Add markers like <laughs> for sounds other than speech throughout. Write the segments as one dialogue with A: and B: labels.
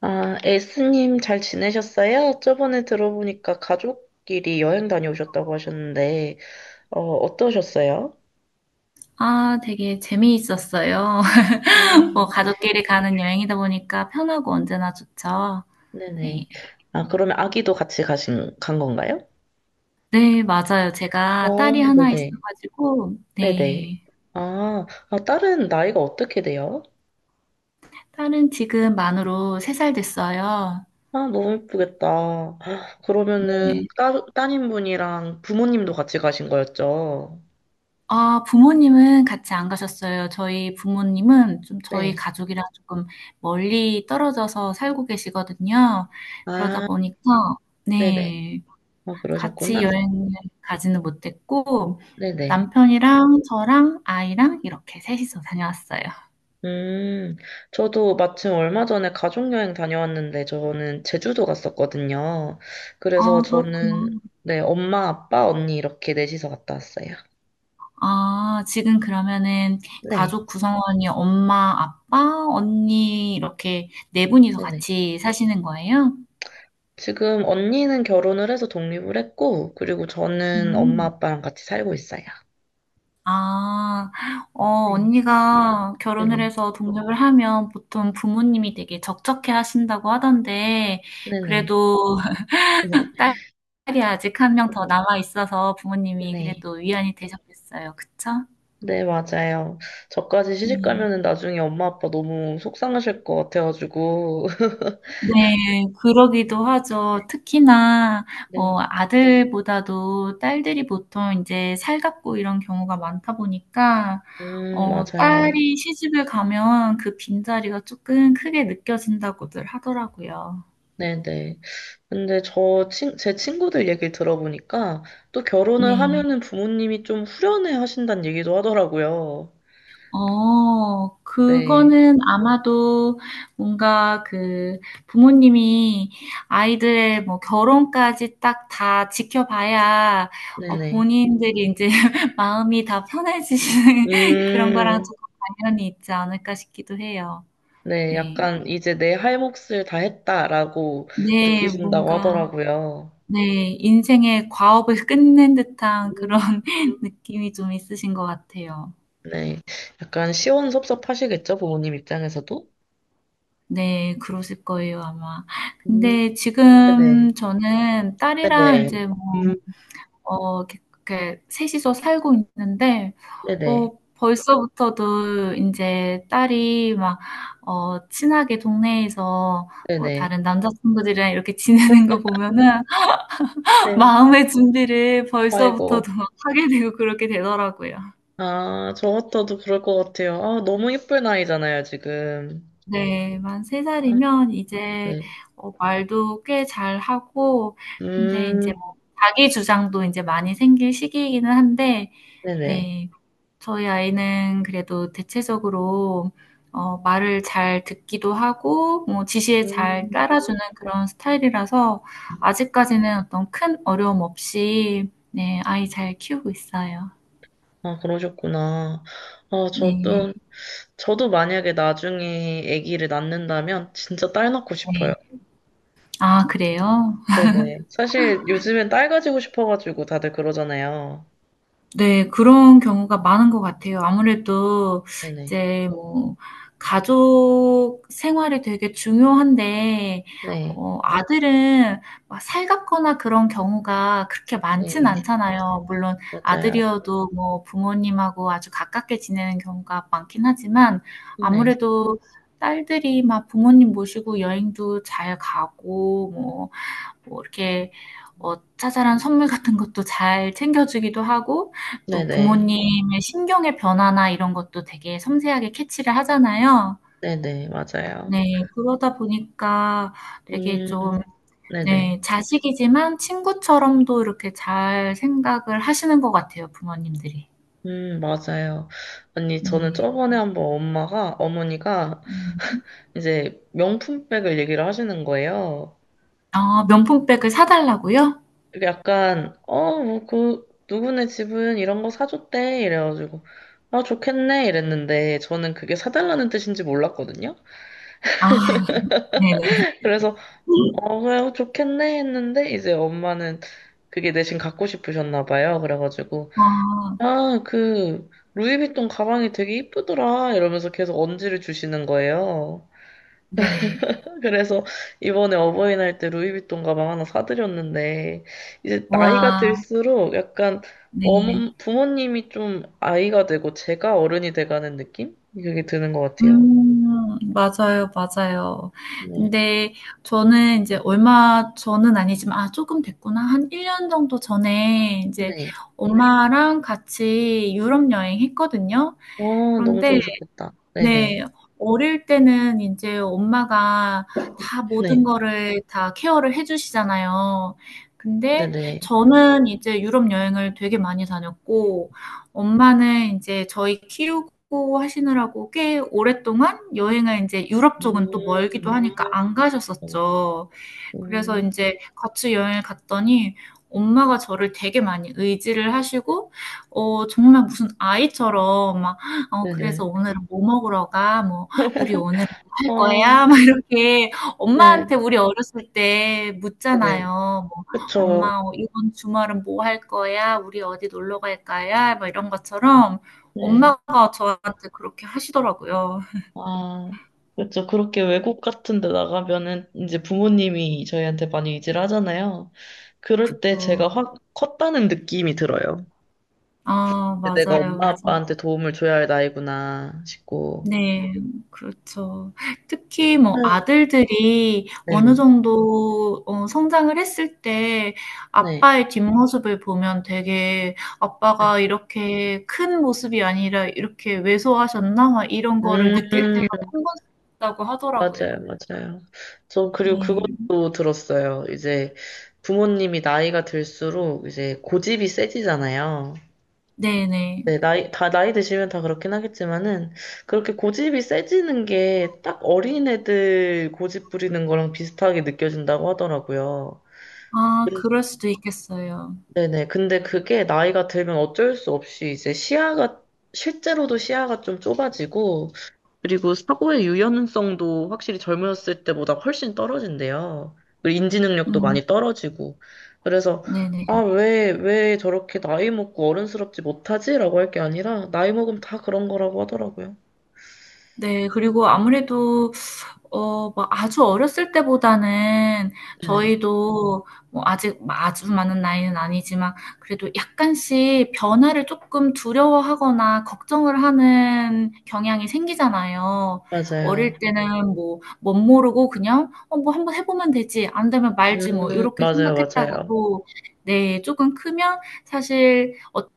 A: 아, 에스님 잘 지내셨어요? 저번에 들어보니까 가족끼리 여행 다녀오셨다고 하셨는데, 어떠셨어요?
B: 아, 되게 재미있었어요. <laughs> 뭐
A: 음,
B: 가족끼리 가는 여행이다 보니까 편하고 언제나 좋죠.
A: 네네.
B: 네.
A: 아, 그러면 아기도 같이 간 건가요?
B: 네, 맞아요. 제가
A: 어,
B: 딸이 하나
A: 네네.
B: 있어가지고,
A: 네네.
B: 네.
A: 아, 아, 딸은 나이가 어떻게 돼요?
B: 딸은 지금 만으로 3살 됐어요.
A: 아, 너무 예쁘겠다. 아, 그러면은,
B: 네.
A: 따님분이랑 부모님도 같이 가신 거였죠?
B: 아, 부모님은 같이 안 가셨어요. 저희 부모님은 좀 저희
A: 네.
B: 가족이랑 조금 멀리 떨어져서 살고 계시거든요. 그러다
A: 아,
B: 보니까,
A: 네네.
B: 네.
A: 아,
B: 같이
A: 그러셨구나.
B: 여행을 가지는 못했고,
A: 네네.
B: 남편이랑 저랑 아이랑 이렇게 셋이서 다녀왔어요.
A: 음, 저도 마침 얼마 전에 가족여행 다녀왔는데, 저는 제주도 갔었거든요. 그래서
B: 아, 그렇구나.
A: 저는, 네, 엄마, 아빠, 언니 이렇게 넷이서 갔다 왔어요.
B: 아, 지금 그러면은
A: 네,
B: 가족 구성원이 엄마, 아빠, 언니 이렇게 네 분이서
A: 네네.
B: 같이 사시는 거예요?
A: 지금 언니는 결혼을 해서 독립을 했고, 그리고 저는 엄마,
B: 음.
A: 아빠랑 같이 살고 있어요.
B: 아, 어,
A: 네,
B: 언니가 결혼을
A: 네네.
B: 해서 독립을 하면 보통 부모님이 되게 적적해 하신다고 하던데,
A: 네네.
B: 그래도
A: 네,
B: <laughs> 딸 딸이 아직 한 명 더 남아 있어서 부모님이
A: 네네.
B: 그래도 위안이 되셨겠어요. 그쵸?
A: 네, 맞아요. 저까지 시집
B: 네.
A: 가면은 나중에 엄마, 아빠 너무 속상하실 것 같아가지고.
B: 네, 그러기도
A: <laughs>
B: 하죠. 특히나
A: 네.
B: 뭐 아들보다도 딸들이 보통 인제 살갑고 이런 경우가 많다 보니까
A: 맞아요.
B: 딸이 시집을 가면 그 빈자리가 쪼끔 크게 느껴진다고들 하더라고요.
A: 네네. 근데 제 친구들 얘기를 들어보니까 또 결혼을
B: 네.
A: 하면은 부모님이 좀 후련해 하신다는 얘기도 하더라고요. 네.
B: 그거는 아마도 뭔가 그 부모님이 아이들의 뭐 결혼까지 딱 다 지켜봐야
A: 네네.
B: 본인들이 이제 <laughs> 마음이 다 편해지시는 <laughs> 그런 거랑
A: 음,
B: 조금 관련이 있지 않을까 싶기도 해요.
A: 네.
B: 네.
A: 약간 이제 내 할 몫을 다 했다라고
B: 네,
A: 느끼신다고
B: 뭔가
A: 하더라고요.
B: 네, 인생의 과업을 <laughs> 끝낸 듯한 그런
A: 음,
B: <laughs> 느낌이 좀 있으신 것 같아요.
A: 네. 약간 시원섭섭하시겠죠? 부모님 입장에서도?
B: 네. 그러실 거예요 아마.
A: 음,
B: 근데
A: 네네.
B: 지금 저는 딸이랑
A: 네네.
B: 인제 뭐
A: 음,
B: 이렇게 이렇게 이서 살고 있는데
A: 네네.
B: 벌써부터도 인제 딸이 막 친하게 동네에서 뭐
A: 네네.
B: 다른 남자 친구들이랑 이렇게 <laughs> 지내는 거 보면은
A: 네.
B: 마음의 준비를
A: 아이고.
B: 벌써부터도 막 하게 되고 그렇게 되더라고요.
A: 아, 저 같아도 그럴 것 같아요. 아, 너무 예쁠 나이잖아요, 지금.
B: 네, 만
A: 아,
B: 3살이면 이제
A: 네.
B: 말도 꽤 잘하고, 근데 이제
A: 음,
B: 뭐 자기 주장도 이제 많이 생길 시기이기는 한데,
A: 네네.
B: 네, 저희 아이는 그래도 대체적으로 말을 잘 듣기도 하고, 뭐 지시에 잘
A: 음,
B: 따라주는 그런 스타일이라서 아직까지는 어떤 큰 어려움 없이, 네, 아이 잘 키우고 있어요.
A: 아, 그러셨구나. 아,
B: 네,
A: 저도, 저도 만약에 나중에 아기를 낳는다면 진짜 딸 낳고 싶어요.
B: 네. 아, 그래요?
A: 네네. 사실 요즘엔 딸 가지고 싶어가지고 다들 그러잖아요.
B: 네, 그런 경우가 많은 것 같아요. 아무래도
A: 네네.
B: 이제 뭐 가족 생활이 되게 중요한데
A: 네.
B: 아들은 막 살갑거나 그런 경우가 그렇게
A: 네.
B: 많진 않잖아요. 물론
A: 맞아요.
B: 아들이어도 뭐 부모님하고 아주 가깝게 지내는 경우가 많긴 하지만
A: 네.
B: 아무래도 딸들이 막 부모님 모시고 여행도 잘 가고 뭐 이렇게 자잘한 선물 같은 것도 잘 챙겨주기도 하고, 또
A: 네네.
B: 부모님의 신경의 변화나 이런 것도 되게 섬세하게 캐치를 하잖아요.
A: 네네. 맞아요.
B: 네, 그러다 보니까 되게
A: 음,
B: 좀,
A: 네네.
B: 네, 자식이지만 친구처럼도 이렇게 잘 생각을 하시는 것 같아요, 부모님들이.
A: 맞아요. 아니, 저는
B: 네.
A: 저번에 한번 엄마가, 어머니가
B: 음.
A: 이제 명품백을 얘기를 하시는 거예요.
B: 아, 명품백을 사달라고요?
A: 이게 약간, 뭐, 누구네 집은 이런 거 사줬대. 이래가지고, 아, 좋겠네. 이랬는데, 저는 그게 사달라는 뜻인지 몰랐거든요.
B: 아, <laughs> 네네.
A: <laughs> 그래서, 그래, 좋겠네. 했는데, 이제 엄마는 그게 대신 갖고 싶으셨나 봐요. 그래가지고,
B: 아,
A: 아, 루이비통 가방이 되게 이쁘더라. 이러면서 계속 언지를 주시는 거예요.
B: 네네.
A: 그래서 이번에 어버이날 때 루이비통 가방 하나 사드렸는데 이제 나이가
B: 와,
A: 들수록 약간
B: 네.
A: 어머, 부모님이 좀 아이가 되고 제가 어른이 돼가는 느낌? 그게 드는 것 같아요.
B: 음. 맞아요, 맞아요.
A: 네.
B: 근데 저는 이제 얼마 전은 아니지만 아 조금 됐구나. 한 1년 정도 전에 이제
A: 네.
B: 엄마랑 같이 유럽 여행했거든요.
A: 어, 너무
B: 그런데
A: 좋으셨겠다.
B: 네.
A: 네네.
B: 어릴 때는 인제 엄마가 다 모든
A: 네.
B: 거를 다 케어를 해 주시잖아요. 근데
A: 네네.
B: 저는 이제 유럽 여행을 되게 많이 다녔고 엄마는 인제 저희 키우고 하시느라고 꽤 오랫동안 여행을 인제 유럽 쪽은 또 멀기도
A: 음.
B: 하니까 안
A: 어,
B: 가셨었죠. 그래서
A: 음.
B: 이제 같이 여행을 갔더니 엄마가 저를 되게 많이 의지를 하시고 정말 무슨 아이처럼 막 "어 그래서
A: 네네.
B: 오늘은 뭐 먹으러 가?" 뭐 "우리 오늘은 뭐 할
A: 어,
B: 거야?" <laughs> 막 이렇게
A: 네.
B: 엄마한테 우리 어렸을 때
A: 네네.
B: 묻잖아요. 뭐
A: 그쵸.
B: "엄마 어 이번 주말은 뭐 할 거야? 우리 어디 놀러 갈까요?" 막 이런 것처럼
A: 네.
B: 엄마가 저한테 그렇게 하시더라고요.
A: 아, 그렇죠. 그렇게 외국 같은 데 나가면은 이제 부모님이 저희한테 많이 의지를 하잖아요. 그럴 때
B: 그쵸.
A: 제가 확 컸다는 느낌이 들어요.
B: 아
A: 내가
B: 맞아요,
A: 엄마
B: 맞아요.
A: 아빠한테 도움을 줘야 할 나이구나 싶고.
B: 네. 그렇죠. 특히 뭐
A: 네.
B: 아들들이 어느
A: 네네.
B: 정도 성장을 했을 때
A: 네.
B: 아빠의 뒷모습을 보면 되게 '아빠가 이렇게 큰 모습이 아니라 이렇게 왜소하셨나?' 막 이런 거를
A: 음,
B: 느낄 때가 한 번씩 있다고 하더라고요.
A: 맞아요, 맞아요. 저 그리고
B: 네.
A: 그것도 들었어요. 이제 부모님이 나이가 들수록 이제 고집이 세지잖아요.
B: 네네.
A: 네, 나이, 다 나이 드시면 다 그렇긴 하겠지만은, 그렇게 고집이 세지는 게 딱 어린애들 고집 부리는 거랑 비슷하게 느껴진다고 하더라고요.
B: 아
A: 근-
B: 그럴 수도 있겠어요.
A: 네네. 근데 그게 나이가 들면 어쩔 수 없이 이제 시야가, 실제로도 시야가 좀 좁아지고, 그리고 사고의 유연성도 확실히 젊었을 때보다 훨씬 떨어진대요. 그리고 인지 능력도
B: 음.
A: 많이 떨어지고. 그래서, 아,
B: 네네.
A: 왜 저렇게 나이 먹고 어른스럽지 못하지? 라고 할 게 아니라, 나이 먹으면 다 그런 거라고 하더라고요.
B: 네, 그리고 아무래도 뭐 아주 어렸을 때보다는
A: 네네.
B: 저희도 뭐 아직 뭐 아주 많은 나이는 아니지만 그래도 약간씩 변화를 조금 두려워하거나 걱정을 하는 경향이 생기잖아요.
A: 맞아요.
B: 어릴 때는 뭐, 못 모르고 그냥, 뭐 한번 해보면 되지. 안 되면 말지 뭐, 이렇게
A: 맞아요, 맞아요.
B: 생각했다가도, 네, 조금 크면 사실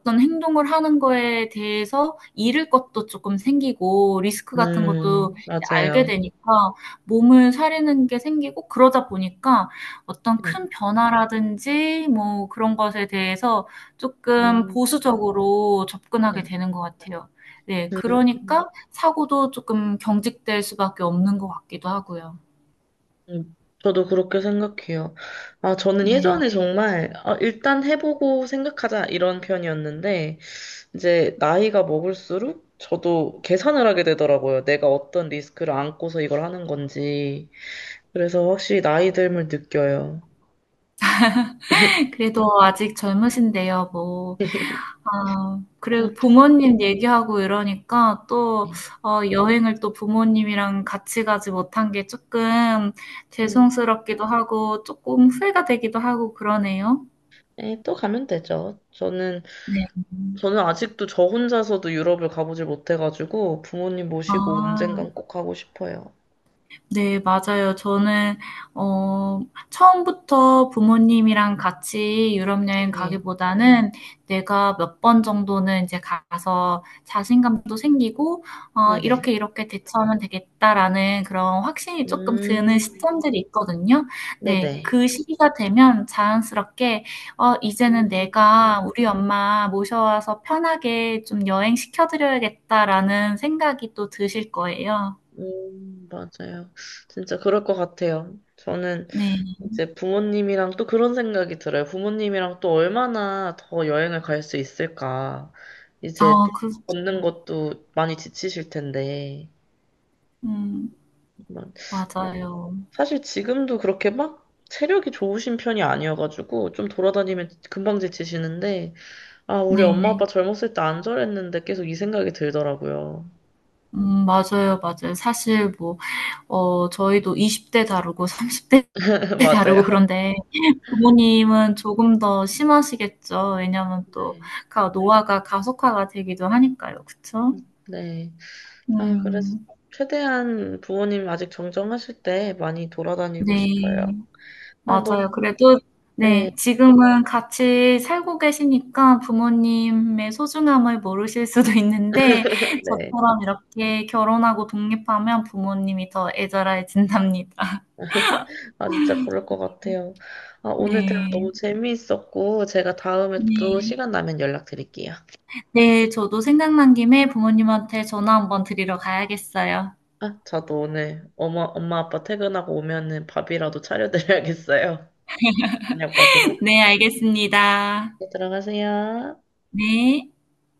B: 어떤 행동을 하는 거에 대해서 잃을 것도 조금 생기고 리스크 같은 것도 이제 알게
A: 맞아요.
B: 되니까 몸을 사리는 게 생기고 그러다 보니까 어떤
A: 네.
B: 큰 변화라든지 뭐 그런 것에 대해서 쪼끔
A: 음,
B: 보수적으로 접근하게
A: 네.
B: 되는 것 같아요. 네.
A: 음,
B: 그러니까 사고도 쪼끔 경직될 수밖에 없는 것 같기도 하고요.
A: 음. 저도 그렇게 생각해요. 아, 저는
B: 네.
A: 예전에 정말, 아, 일단 해보고 생각하자, 이런 편이었는데, 이제 나이가 먹을수록 저도 계산을 하게 되더라고요. 내가 어떤 리스크를 안고서 이걸 하는 건지. 그래서 확실히 나이 듦을 느껴요.
B: 그래도 아직 젊으신데요. 뭐
A: <laughs>
B: 아,
A: 아,
B: 그래도
A: 네.
B: 부모님 얘기하고 이러니까 또 여행을 또 부모님이랑 같이 가지 못한 게 조금
A: 음,
B: 죄송스럽기도 하고 조금 후회가 되기도 하고 그러네요.
A: 네, 또 가면 되죠. 저는,
B: 네.
A: 저는 아직도 저 혼자서도 유럽을 가보질 못해가지고 부모님 모시고
B: 아.
A: 언젠간 꼭 가고 싶어요.
B: 네, 맞아요. 저는, 어, 처음부터 부모님이랑 같이 유럽 여행
A: 네,
B: 가기보다는 내가 몇 번 정도는 이제 가서 자신감도 생기고,
A: 네네.
B: 이렇게 이렇게 대처하면 되겠다라는 그런 확신이 조금
A: 음,
B: 드는 시점들이 있거든요. 네,
A: 네네.
B: 그 시기가 되면 자연스럽게, 이제는
A: 음,
B: 내가 우리 엄마 모셔와서 편하게 좀 여행시켜드려야겠다라는 생각이 또 드실 거예요.
A: 맞아요. 진짜 그럴 것 같아요. 저는
B: 네.
A: 이제 부모님이랑 또 그런 생각이 들어요. 부모님이랑 또 얼마나 더 여행을 갈 수 있을까. 이제
B: 아, 그렇죠.
A: 걷는 것도 많이 지치실 텐데.
B: 음,
A: 막
B: 맞아요.
A: 사실 지금도 그렇게 막 체력이 좋으신 편이 아니어가지고 좀 돌아다니면 금방 지치시는데, 아, 우리 엄마
B: 네.
A: 아빠 젊었을 때 안 저랬는데 계속 이 생각이 들더라고요.
B: 맞아요, 맞아요. 사실 뭐, 저희도 20대 다르고 30대
A: <laughs>
B: <laughs> 다르고
A: 맞아요.
B: 그런데 부모님은 조금 더 심하시겠죠. 왜냐면 또
A: 네.
B: 노화가 가속화가 되기도 하니까요. 그쵸?
A: 네. 아, 그래서
B: 음,
A: 최대한 부모님 아직 정정하실 때 많이 돌아다니고
B: 네.
A: 싶어요. 아,
B: 맞아요.
A: 너무,
B: 그래도
A: 네.
B: 네, 지금은 같이 살고 계시니까 부모님의 소중함을 모르실 수도 있는데
A: 네.
B: 저처럼 이렇게 결혼하고 독립하면 부모님이 더 애절해진답니다. <laughs>
A: 아, 진짜 그럴 것 같아요. 아, 오늘 대화
B: 네.
A: 너무 재미있었고, 제가 다음에 또
B: 네.
A: 시간 나면 연락드릴게요.
B: 네, 저도 생각난 김에 부모님한테 전화 한번 드리러 가야겠어요.
A: 아, 저도 오늘 엄마 아빠 퇴근하고 오면은 밥이라도 차려드려야겠어요. 저녁밥이라도.
B: <laughs> 네, 알겠습니다.
A: 네, 들어가세요.
B: 네.